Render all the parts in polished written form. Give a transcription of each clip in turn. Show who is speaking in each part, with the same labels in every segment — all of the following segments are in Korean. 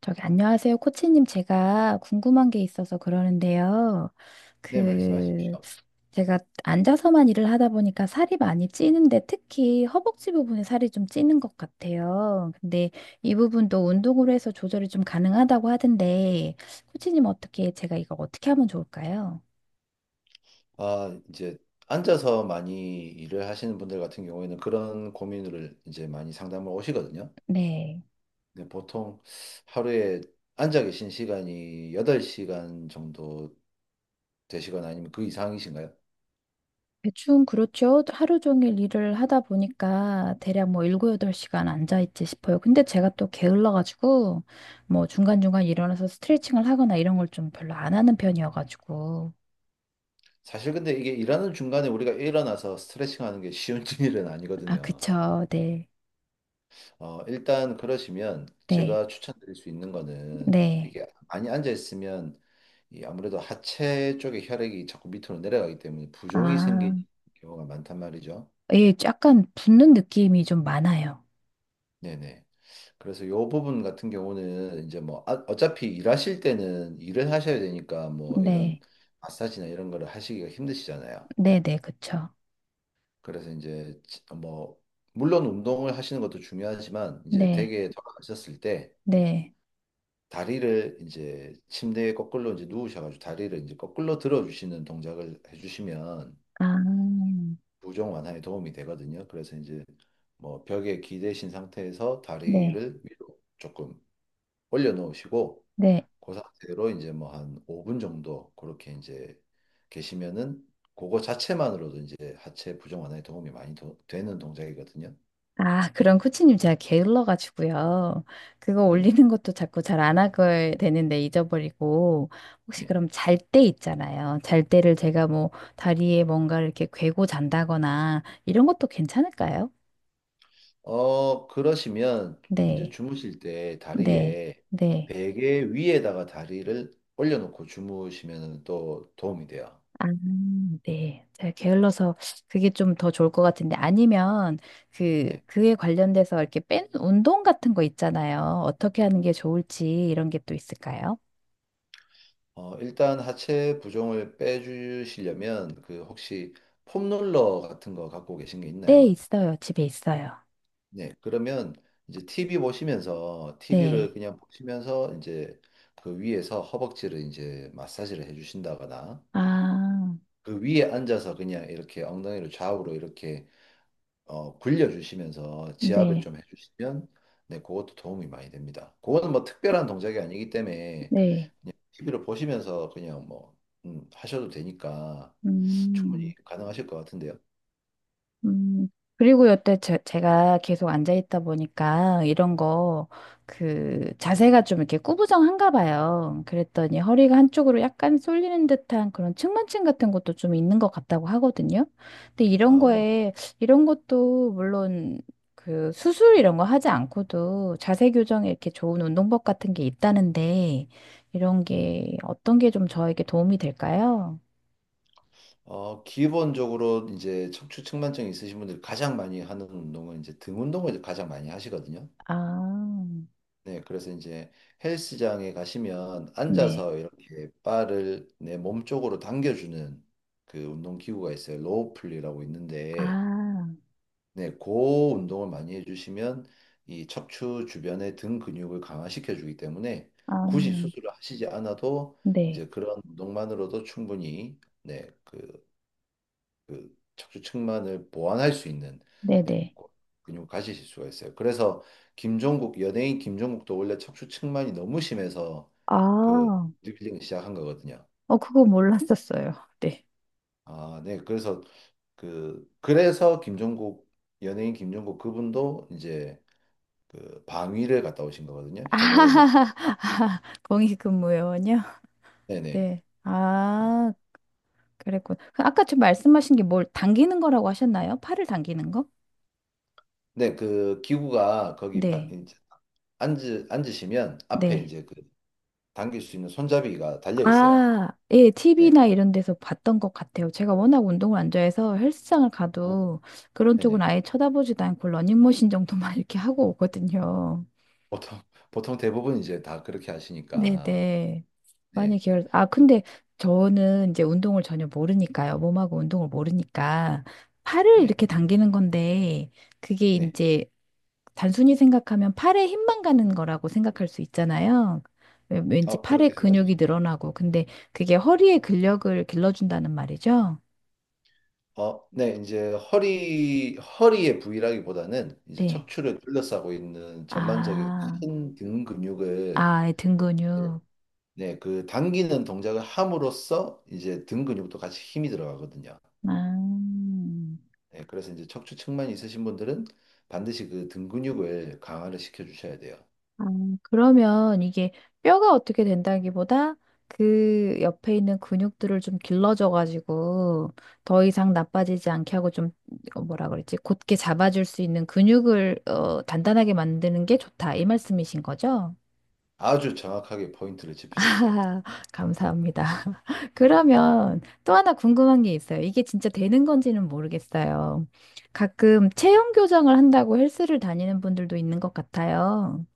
Speaker 1: 저기, 안녕하세요. 코치님, 제가 궁금한 게 있어서 그러는데요.
Speaker 2: 네,
Speaker 1: 그,
Speaker 2: 말씀하십시오.
Speaker 1: 제가 앉아서만 일을 하다 보니까 살이 많이 찌는데 특히 허벅지 부분에 살이 좀 찌는 것 같아요. 근데 이 부분도 운동으로 해서 조절이 좀 가능하다고 하던데, 코치님 어떻게, 제가 이거 어떻게 하면 좋을까요?
Speaker 2: 아, 이제 앉아서 많이 일을 하시는 분들 같은 경우에는 그런 고민을 이제 많이 상담을 오시거든요.
Speaker 1: 네.
Speaker 2: 근데 보통 하루에 앉아 계신 시간이 8시간 정도 되시거나 아니면 그 이상이신가요?
Speaker 1: 대충 그렇죠. 하루 종일 일을 하다 보니까 대략 뭐 7, 8시간 앉아있지 싶어요. 근데 제가 또 게을러가지고 뭐 중간중간 일어나서 스트레칭을 하거나 이런 걸 좀 별로 안 하는 편이어가지고.
Speaker 2: 사실 근데 이게 일하는 중간에 우리가 일어나서 스트레칭 하는 게 쉬운 일은
Speaker 1: 아,
Speaker 2: 아니거든요.
Speaker 1: 그쵸. 네.
Speaker 2: 일단 그러시면
Speaker 1: 네.
Speaker 2: 제가 추천드릴 수 있는 거는
Speaker 1: 네.
Speaker 2: 이게 많이 앉아 있으면 이 아무래도 하체 쪽에 혈액이 자꾸 밑으로 내려가기 때문에 부종이
Speaker 1: 아,
Speaker 2: 생기는 경우가 많단 말이죠.
Speaker 1: 예, 약간 붓는 느낌이 좀 많아요.
Speaker 2: 네네. 그래서 요 부분 같은 경우는 이제 뭐 어차피 일하실 때는 일을 하셔야 되니까 뭐 이런
Speaker 1: 네.
Speaker 2: 마사지나 이런 거를 하시기가 힘드시잖아요.
Speaker 1: 네네, 그쵸.
Speaker 2: 그래서 이제 뭐 물론 운동을 하시는 것도 중요하지만 이제
Speaker 1: 네.
Speaker 2: 댁에 돌아가셨을 때
Speaker 1: 네.
Speaker 2: 다리를 이제 침대에 거꾸로 이제 누우셔가지고 다리를 이제 거꾸로 들어주시는 동작을 해주시면
Speaker 1: 아,
Speaker 2: 부종 완화에 도움이 되거든요. 그래서 이제 뭐 벽에 기대신 상태에서
Speaker 1: 네.
Speaker 2: 다리를 위로 조금 올려놓으시고
Speaker 1: 네.
Speaker 2: 그 상태로 이제 뭐 한 5분 정도 그렇게 이제 계시면은 그거 자체만으로도 이제 하체 부종 완화에 도움이 많이 되는 동작이거든요.
Speaker 1: 아, 그런 코치님 제가 게을러 가지고요. 그거
Speaker 2: 네네.
Speaker 1: 올리는 것도 자꾸 잘 안 하게 되는데 잊어버리고 혹시 그럼 잘 때 있잖아요. 잘 때를 제가 뭐 다리에 뭔가 이렇게 괴고 잔다거나 이런 것도 괜찮을까요?
Speaker 2: 그러시면 이제
Speaker 1: 네.
Speaker 2: 주무실 때
Speaker 1: 네.
Speaker 2: 다리에
Speaker 1: 네.
Speaker 2: 베개 위에다가 다리를 올려놓고 주무시면 또 도움이 돼요.
Speaker 1: 아, 네. 제가 게을러서 그게 좀 더 좋을 것 같은데 아니면 그
Speaker 2: 네.
Speaker 1: 그에 관련돼서 이렇게 뺀 운동 같은 거 있잖아요. 어떻게 하는 게 좋을지 이런 게 또 있을까요?
Speaker 2: 일단 하체 부종을 빼주시려면 그 혹시 폼롤러 같은 거 갖고 계신 게
Speaker 1: 네,
Speaker 2: 있나요?
Speaker 1: 있어요. 집에 있어요.
Speaker 2: 네. 그러면 이제 TV 보시면서 TV를
Speaker 1: 네.
Speaker 2: 그냥 보시면서 이제 그 위에서 허벅지를 이제 마사지를 해주신다거나
Speaker 1: 아,
Speaker 2: 그 위에 앉아서 그냥 이렇게 엉덩이를 좌우로 이렇게 굴려주시면서 지압을
Speaker 1: 네,
Speaker 2: 좀 해주시면 네, 그것도 도움이 많이 됩니다. 그거는 뭐 특별한 동작이 아니기 때문에
Speaker 1: 네.
Speaker 2: 그냥 TV를 보시면서 그냥 뭐 하셔도 되니까
Speaker 1: 음.
Speaker 2: 충분히 가능하실 것 같은데요.
Speaker 1: 음, 그리고 여태 제가 계속 앉아 있다 보니까 이런 거, 자세가 좀 이렇게 꾸부정한가 봐요. 그랬더니 허리가 한쪽으로 약간 쏠리는 듯한 그런 측만증 같은 것도 좀 있는 것 같다고 하거든요. 근데 이런
Speaker 2: 아, 네.
Speaker 1: 거에, 이런 것도 물론 그 수술 이런 거 하지 않고도 자세 교정에 이렇게 좋은 운동법 같은 게 있다는데 이런 게 어떤 게 좀 저에게 도움이 될까요?
Speaker 2: 기본적으로 이제 척추 측만증이 있으신 분들이 가장 많이 하는 운동은 이제 등 운동을 가장 많이 하시거든요.
Speaker 1: 아,
Speaker 2: 네, 그래서 이제 헬스장에 가시면
Speaker 1: 네.
Speaker 2: 앉아서 이렇게 바를 내 몸 쪽으로 당겨주는 그 운동 기구가 있어요. 로우 플리라고 있는데,
Speaker 1: 아,
Speaker 2: 네, 그 운동을 많이 해주시면 이 척추 주변의 등 근육을 강화시켜 주기 때문에 굳이
Speaker 1: 아.
Speaker 2: 수술을 하시지 않아도
Speaker 1: 네,
Speaker 2: 이제 그런 운동만으로도 충분히 네, 그 척추측만을 보완할 수 있는 네,
Speaker 1: 네네.
Speaker 2: 근육을 가지실 수가 있어요. 그래서 김종국 연예인 김종국도 원래 척추측만이 너무 심해서 그
Speaker 1: 아,
Speaker 2: 보디빌딩을 시작한 거거든요.
Speaker 1: 그거 몰랐었어요. 네.
Speaker 2: 아, 네. 그래서 김종국 연예인 김종국 그분도 이제 그 방위를 갔다 오신 거거든요.
Speaker 1: 아,
Speaker 2: 현역을 못.
Speaker 1: 공익근무요원이요?
Speaker 2: 네네.
Speaker 1: 네.
Speaker 2: 네,
Speaker 1: 아, 그랬군. 그 아까 좀 말씀하신 게 뭘 당기는 거라고 하셨나요? 팔을 당기는 거?
Speaker 2: 네, 그 기구가 거기
Speaker 1: 네,
Speaker 2: 이제 앉으시면 앞에
Speaker 1: 네.
Speaker 2: 이제 그 당길 수 있는 손잡이가 달려 있어요.
Speaker 1: 아, 예,
Speaker 2: 네.
Speaker 1: TV나 이런 데서 봤던 것 같아요. 제가 워낙 운동을 안 좋아해서 헬스장을
Speaker 2: 아,
Speaker 1: 가도 그런 쪽은
Speaker 2: 네네.
Speaker 1: 아예 쳐다보지도 않고 러닝머신 정도만 이렇게 하고 오거든요.
Speaker 2: 보통, 보통 대부분 이제 다 그렇게 하시니까.
Speaker 1: 네네.
Speaker 2: 네.
Speaker 1: 아, 근데 저는 이제 운동을 전혀 모르니까요. 몸하고 운동을 모르니까 팔을
Speaker 2: 네.
Speaker 1: 이렇게 당기는 건데 그게
Speaker 2: 네.
Speaker 1: 이제 단순히 생각하면 팔에 힘만 가는 거라고 생각할 수 있잖아요. 왠지 팔에
Speaker 2: 그렇게 생각하실 수
Speaker 1: 근육이
Speaker 2: 있죠.
Speaker 1: 늘어나고 근데 그게 허리의 근력을 길러준다는 말이죠.
Speaker 2: 어, 네. 이제 허리의 부위라기보다는 이제
Speaker 1: 네.
Speaker 2: 척추를 둘러싸고 있는 전반적인
Speaker 1: 아,
Speaker 2: 큰 등 근육을
Speaker 1: 아, 등
Speaker 2: 이제,
Speaker 1: 근육.
Speaker 2: 네. 그 당기는 동작을 함으로써 이제 등 근육도 같이 힘이 들어가거든요.
Speaker 1: 아.
Speaker 2: 네. 그래서 이제 척추 측만 있으신 분들은 반드시 그 등 근육을 강화를 시켜 주셔야 돼요.
Speaker 1: 아, 그러면 이게 뼈가 어떻게 된다기보다 그 옆에 있는 근육들을 좀 길러줘가지고 더 이상 나빠지지 않게 하고 좀 뭐라 그랬지? 곧게 잡아줄 수 있는 근육을 단단하게 만드는 게 좋다. 이 말씀이신 거죠?
Speaker 2: 아주 정확하게 포인트를 짚으셨어요.
Speaker 1: 감사합니다.
Speaker 2: 네.
Speaker 1: 그러면 또 하나 궁금한 게 있어요. 이게 진짜 되는 건지는 모르겠어요. 가끔 체형 교정을 한다고 헬스를 다니는 분들도 있는 것 같아요.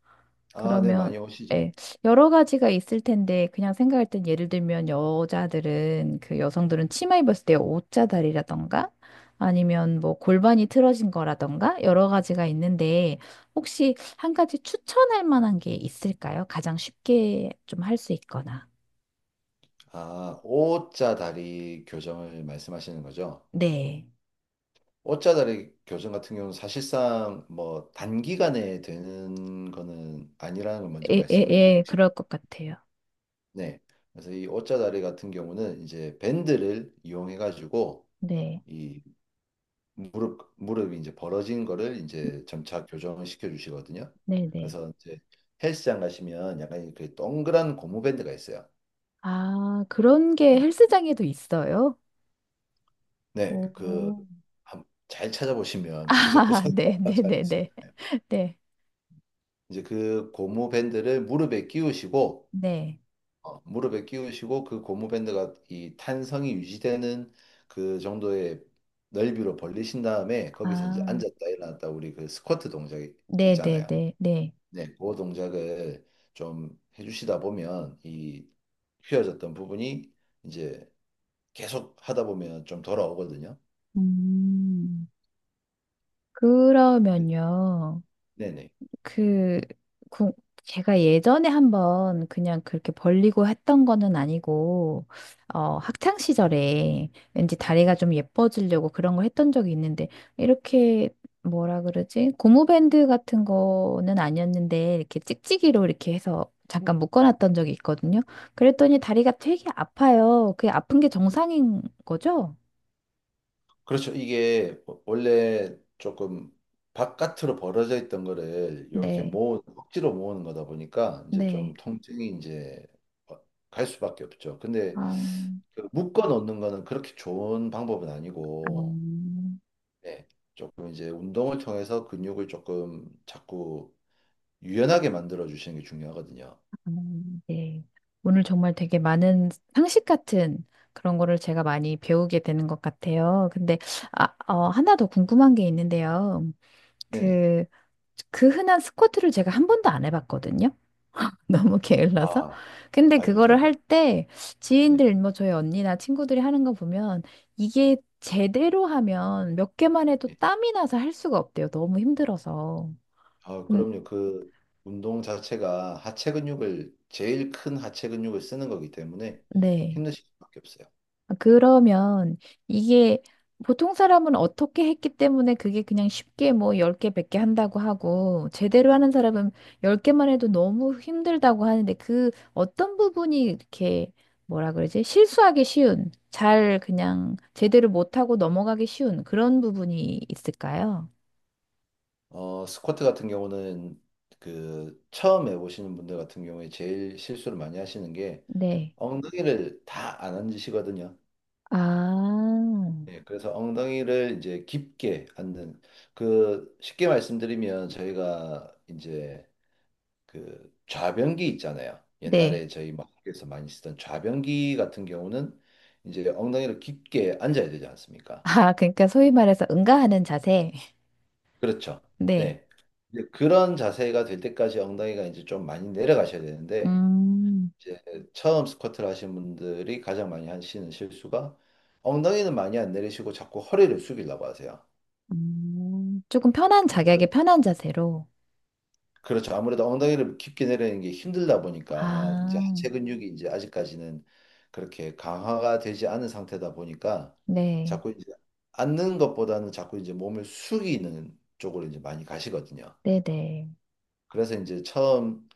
Speaker 2: 아, 네.
Speaker 1: 그러면
Speaker 2: 많이 오시죠.
Speaker 1: 예, 여러 가지가 있을 텐데 그냥 생각할 땐 예를 들면 여자들은 그 여성들은 치마 입었을 때 옷자다리라던가 아니면 뭐 골반이 틀어진 거라던가 여러 가지가 있는데 혹시 한 가지 추천할 만한 게 있을까요? 가장 쉽게 좀 할 수 있거나.
Speaker 2: 아, O자 다리 교정을 말씀하시는 거죠?
Speaker 1: 네.
Speaker 2: O자 다리 교정 같은 경우는 사실상 뭐 단기간에 되는 거는 아니라는 걸 먼저
Speaker 1: 예, 예,
Speaker 2: 말씀을 드리고
Speaker 1: 예, 그럴 것 같아요.
Speaker 2: 싶네. 그래서 이 O자 다리 같은 경우는 이제 밴드를 이용해 가지고
Speaker 1: 네.
Speaker 2: 이 무릎이 이제 벌어진 거를 이제 점차 교정을 시켜 주시거든요.
Speaker 1: 네, 네.
Speaker 2: 그래서 이제 헬스장 가시면 약간 그 동그란 고무 밴드가 있어요.
Speaker 1: 아, 그런 게
Speaker 2: 네.
Speaker 1: 헬스장에도 있어요?
Speaker 2: 네, 그,
Speaker 1: 오.
Speaker 2: 잘 찾아보시면
Speaker 1: 아,
Speaker 2: 구석구석에
Speaker 1: 네, 네,
Speaker 2: 잘
Speaker 1: 네,
Speaker 2: 있을
Speaker 1: 네.
Speaker 2: 거예요.
Speaker 1: 네.
Speaker 2: 이제 그 고무밴드를
Speaker 1: 네.
Speaker 2: 무릎에 끼우시고 그 고무밴드가 이 탄성이 유지되는 그 정도의 넓이로 벌리신 다음에 거기서 이제
Speaker 1: 아,
Speaker 2: 앉았다 일어났다 우리 그 스쿼트 동작 있잖아요.
Speaker 1: 네네네, 네.
Speaker 2: 네, 그 동작을 좀 해주시다 보면 이 휘어졌던 부분이 이제 계속 하다 보면 좀 돌아오거든요.
Speaker 1: 음,
Speaker 2: 네,
Speaker 1: 그러면요,
Speaker 2: 네네.
Speaker 1: 그, 구- 제가 예전에 한번 그냥 그렇게 벌리고 했던 거는 아니고, 학창 시절에 왠지 다리가 좀 예뻐지려고 그런 걸 했던 적이 있는데, 이렇게 뭐라 그러지? 고무밴드 같은 거는 아니었는데, 이렇게 찍찍이로 이렇게 해서 잠깐 묶어놨던 적이 있거든요. 그랬더니 다리가 되게 아파요. 그게 아픈 게 정상인 거죠?
Speaker 2: 그렇죠. 이게 원래 조금 바깥으로 벌어져 있던 거를 이렇게
Speaker 1: 네.
Speaker 2: 억지로 모으는 거다 보니까 이제 좀
Speaker 1: 네.
Speaker 2: 통증이 이제 어, 갈 수밖에 없죠. 근데
Speaker 1: 아,
Speaker 2: 그 묶어 놓는 거는 그렇게 좋은 방법은
Speaker 1: 아, 아,
Speaker 2: 아니고, 네. 조금 이제 운동을 통해서 근육을 조금 자꾸 유연하게 만들어 주시는 게 중요하거든요.
Speaker 1: 네. 오늘 정말 되게 많은 상식 같은 그런 거를 제가 많이 배우게 되는 것 같아요. 근데, 아, 하나 더 궁금한 게 있는데요.
Speaker 2: 네네.
Speaker 1: 그, 그 흔한 스쿼트를 제가 한 번도 안 해봤거든요. 너무 게을러서.
Speaker 2: 아,
Speaker 1: 근데
Speaker 2: 아이고,
Speaker 1: 그거를 할
Speaker 2: 잘한다.
Speaker 1: 때
Speaker 2: 네.
Speaker 1: 지인들, 뭐 저희 언니나 친구들이 하는 거 보면 이게 제대로 하면 몇 개만 해도
Speaker 2: 네.
Speaker 1: 땀이 나서 할 수가 없대요. 너무 힘들어서.
Speaker 2: 아,
Speaker 1: 음,
Speaker 2: 그럼요. 그 운동 자체가 하체 근육을 제일 큰 하체 근육을 쓰는 거기 때문에
Speaker 1: 네.
Speaker 2: 힘드실 수밖에 없어요.
Speaker 1: 아, 그러면 이게 보통 사람은 어떻게 했기 때문에 그게 그냥 쉽게 뭐 10개, 100개 한다고 하고 제대로 하는 사람은 10개만 해도 너무 힘들다고 하는데 그 어떤 부분이 이렇게 뭐라 그러지? 실수하기 쉬운, 잘 그냥 제대로 못하고 넘어가기 쉬운 그런 부분이 있을까요?
Speaker 2: 스쿼트 같은 경우는 그 처음 해보시는 분들 같은 경우에 제일 실수를 많이 하시는 게
Speaker 1: 네.
Speaker 2: 엉덩이를 다 안 앉으시거든요.
Speaker 1: 아,
Speaker 2: 예, 그래서 엉덩이를 이제 깊게 앉는 그 쉽게 말씀드리면 저희가 이제 그 좌변기 있잖아요.
Speaker 1: 네.
Speaker 2: 옛날에 저희 막 학교에서 많이 쓰던 좌변기 같은 경우는 이제 엉덩이를 깊게 앉아야 되지 않습니까?
Speaker 1: 아, 그러니까 소위 말해서 응가하는 자세.
Speaker 2: 그렇죠.
Speaker 1: 네.
Speaker 2: 네. 이제 그런 자세가 될 때까지 엉덩이가 이제 좀 많이 내려가셔야 되는데
Speaker 1: 음.
Speaker 2: 이제 처음 스쿼트를 하신 분들이 가장 많이 하시는 실수가 엉덩이는 많이 안 내리시고 자꾸 허리를 숙이려고 하세요.
Speaker 1: 조금 편한
Speaker 2: 네,
Speaker 1: 자기에게 편한 자세로.
Speaker 2: 그렇죠. 아무래도 엉덩이를 깊게 내리는 게 힘들다 보니까 이제
Speaker 1: 아,
Speaker 2: 하체 근육이 이제 아직까지는 그렇게 강화가 되지 않은 상태다 보니까
Speaker 1: 네,
Speaker 2: 자꾸 이제 앉는 것보다는 자꾸 이제 몸을 숙이는 쪽으로 이제 많이 가시거든요.
Speaker 1: 네네, 네.
Speaker 2: 그래서 이제 처음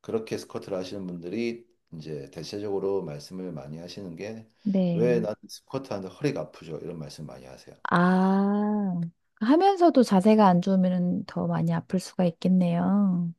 Speaker 2: 그렇게 스쿼트를 하시는 분들이 이제 대체적으로 말씀을 많이 하시는 게
Speaker 1: 네.
Speaker 2: 왜 나는 스쿼트 하는데 허리가 아프죠? 이런 말씀 많이 하세요.
Speaker 1: 아, 하면서도 자세가 안 좋으면 더 많이 아플 수가 있겠네요.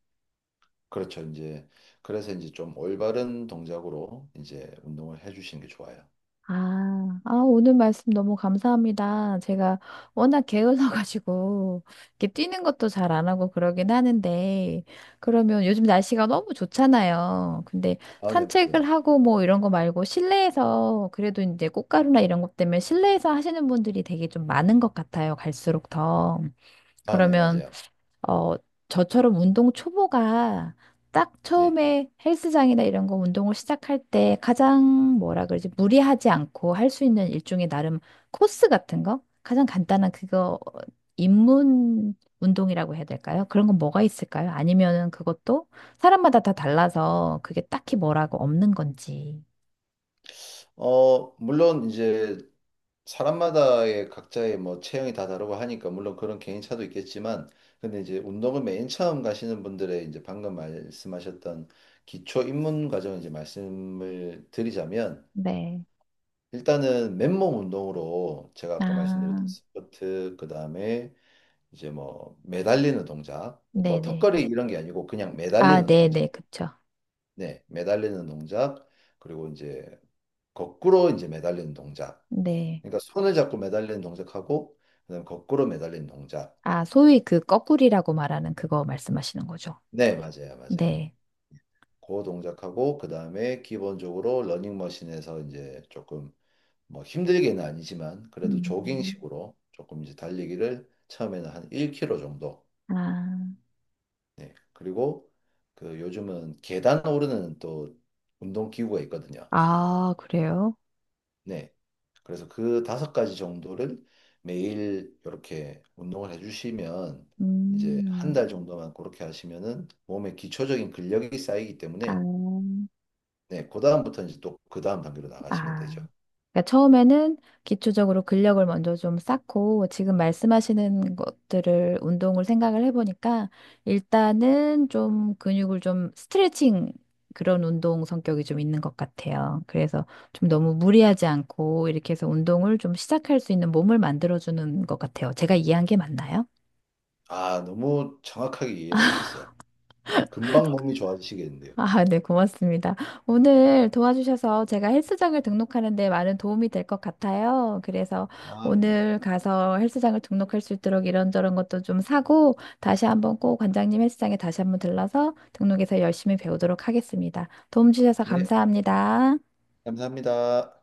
Speaker 2: 그렇죠. 이제 그래서 이제 좀 올바른 동작으로 이제 운동을 해주시는 게 좋아요.
Speaker 1: 아, 아, 오늘 말씀 너무 감사합니다. 제가 워낙 게을러가지고, 이렇게 뛰는 것도 잘 안 하고 그러긴 하는데, 그러면 요즘 날씨가 너무 좋잖아요. 근데
Speaker 2: 아, 네,
Speaker 1: 산책을
Speaker 2: 맞아요.
Speaker 1: 하고 뭐 이런 거 말고 실내에서, 그래도 이제 꽃가루나 이런 것 때문에 실내에서 하시는 분들이 되게 좀 많은 것 같아요. 갈수록 더.
Speaker 2: 아, 네,
Speaker 1: 그러면
Speaker 2: 맞아요.
Speaker 1: 어, 저처럼 운동 초보가 딱
Speaker 2: 네.
Speaker 1: 처음에 헬스장이나 이런 거 운동을 시작할 때 가장 뭐라 그러지? 무리하지 않고 할 수 있는 일종의 나름 코스 같은 거? 가장 간단한 그거 입문 운동이라고 해야 될까요? 그런 건 뭐가 있을까요? 아니면은 그것도 사람마다 다 달라서 그게 딱히 뭐라고 없는 건지.
Speaker 2: 물론 이제 사람마다의 각자의 뭐 체형이 다 다르고 하니까 물론 그런 개인차도 있겠지만 근데 이제 운동을 맨 처음 가시는 분들의 이제 방금 말씀하셨던 기초 입문 과정 이제 말씀을 드리자면
Speaker 1: 네.
Speaker 2: 일단은 맨몸 운동으로 제가 아까
Speaker 1: 아,
Speaker 2: 말씀드렸던 스쿼트 그다음에 이제 뭐 매달리는 동작 뭐
Speaker 1: 네네.
Speaker 2: 턱걸이 이런 게 아니고 그냥
Speaker 1: 아,
Speaker 2: 매달리는 동작.
Speaker 1: 네네. 그쵸.
Speaker 2: 네, 매달리는 동작 그리고 이제 거꾸로 이제 매달리는 동작.
Speaker 1: 네.
Speaker 2: 그러니까 손을 잡고 매달리는 동작하고 그다음에 거꾸로 매달리는 동작.
Speaker 1: 아, 소위 그 거꾸리라고 말하는 그거 말씀하시는 거죠.
Speaker 2: 네, 맞아요, 맞아요.
Speaker 1: 네.
Speaker 2: 그 동작하고 그다음에 기본적으로 러닝머신에서 이제 조금 뭐 힘들게는 아니지만 그래도
Speaker 1: 음,
Speaker 2: 조깅식으로 조금 이제 달리기를 처음에는 한 1km 정도.
Speaker 1: 아,
Speaker 2: 네. 그리고 그 요즘은 계단 오르는 또 운동 기구가 있거든요.
Speaker 1: 아, 그래요?
Speaker 2: 네. 그래서 그 다섯 가지 정도를 매일 이렇게 운동을 해주시면 이제 한
Speaker 1: 음,
Speaker 2: 달 정도만 그렇게 하시면은 몸에 기초적인 근력이 쌓이기
Speaker 1: 아,
Speaker 2: 때문에 네, 그 다음부터 이제 또 그 다음 단계로 나가시면
Speaker 1: 아.
Speaker 2: 되죠.
Speaker 1: 그러니까 처음에는 기초적으로 근력을 먼저 좀 쌓고 지금 말씀하시는 것들을 운동을 생각을 해보니까 일단은 좀 근육을 좀 스트레칭 그런 운동 성격이 좀 있는 것 같아요. 그래서 좀 너무 무리하지 않고 이렇게 해서 운동을 좀 시작할 수 있는 몸을 만들어주는 것 같아요. 제가 이해한 게 맞나요?
Speaker 2: 아, 너무 정확하게 이해를 하셨어요. 금방 몸이 좋아지시겠는데요.
Speaker 1: 아, 네, 고맙습니다. 오늘 도와주셔서 제가 헬스장을 등록하는데 많은 도움이 될 것 같아요. 그래서
Speaker 2: 아, 네.
Speaker 1: 오늘 가서 헬스장을 등록할 수 있도록 이런저런 것도 좀 사고 다시 한번 꼭 관장님 헬스장에 다시 한번 들러서 등록해서 열심히 배우도록 하겠습니다. 도움 주셔서
Speaker 2: 네,
Speaker 1: 감사합니다.
Speaker 2: 감사합니다.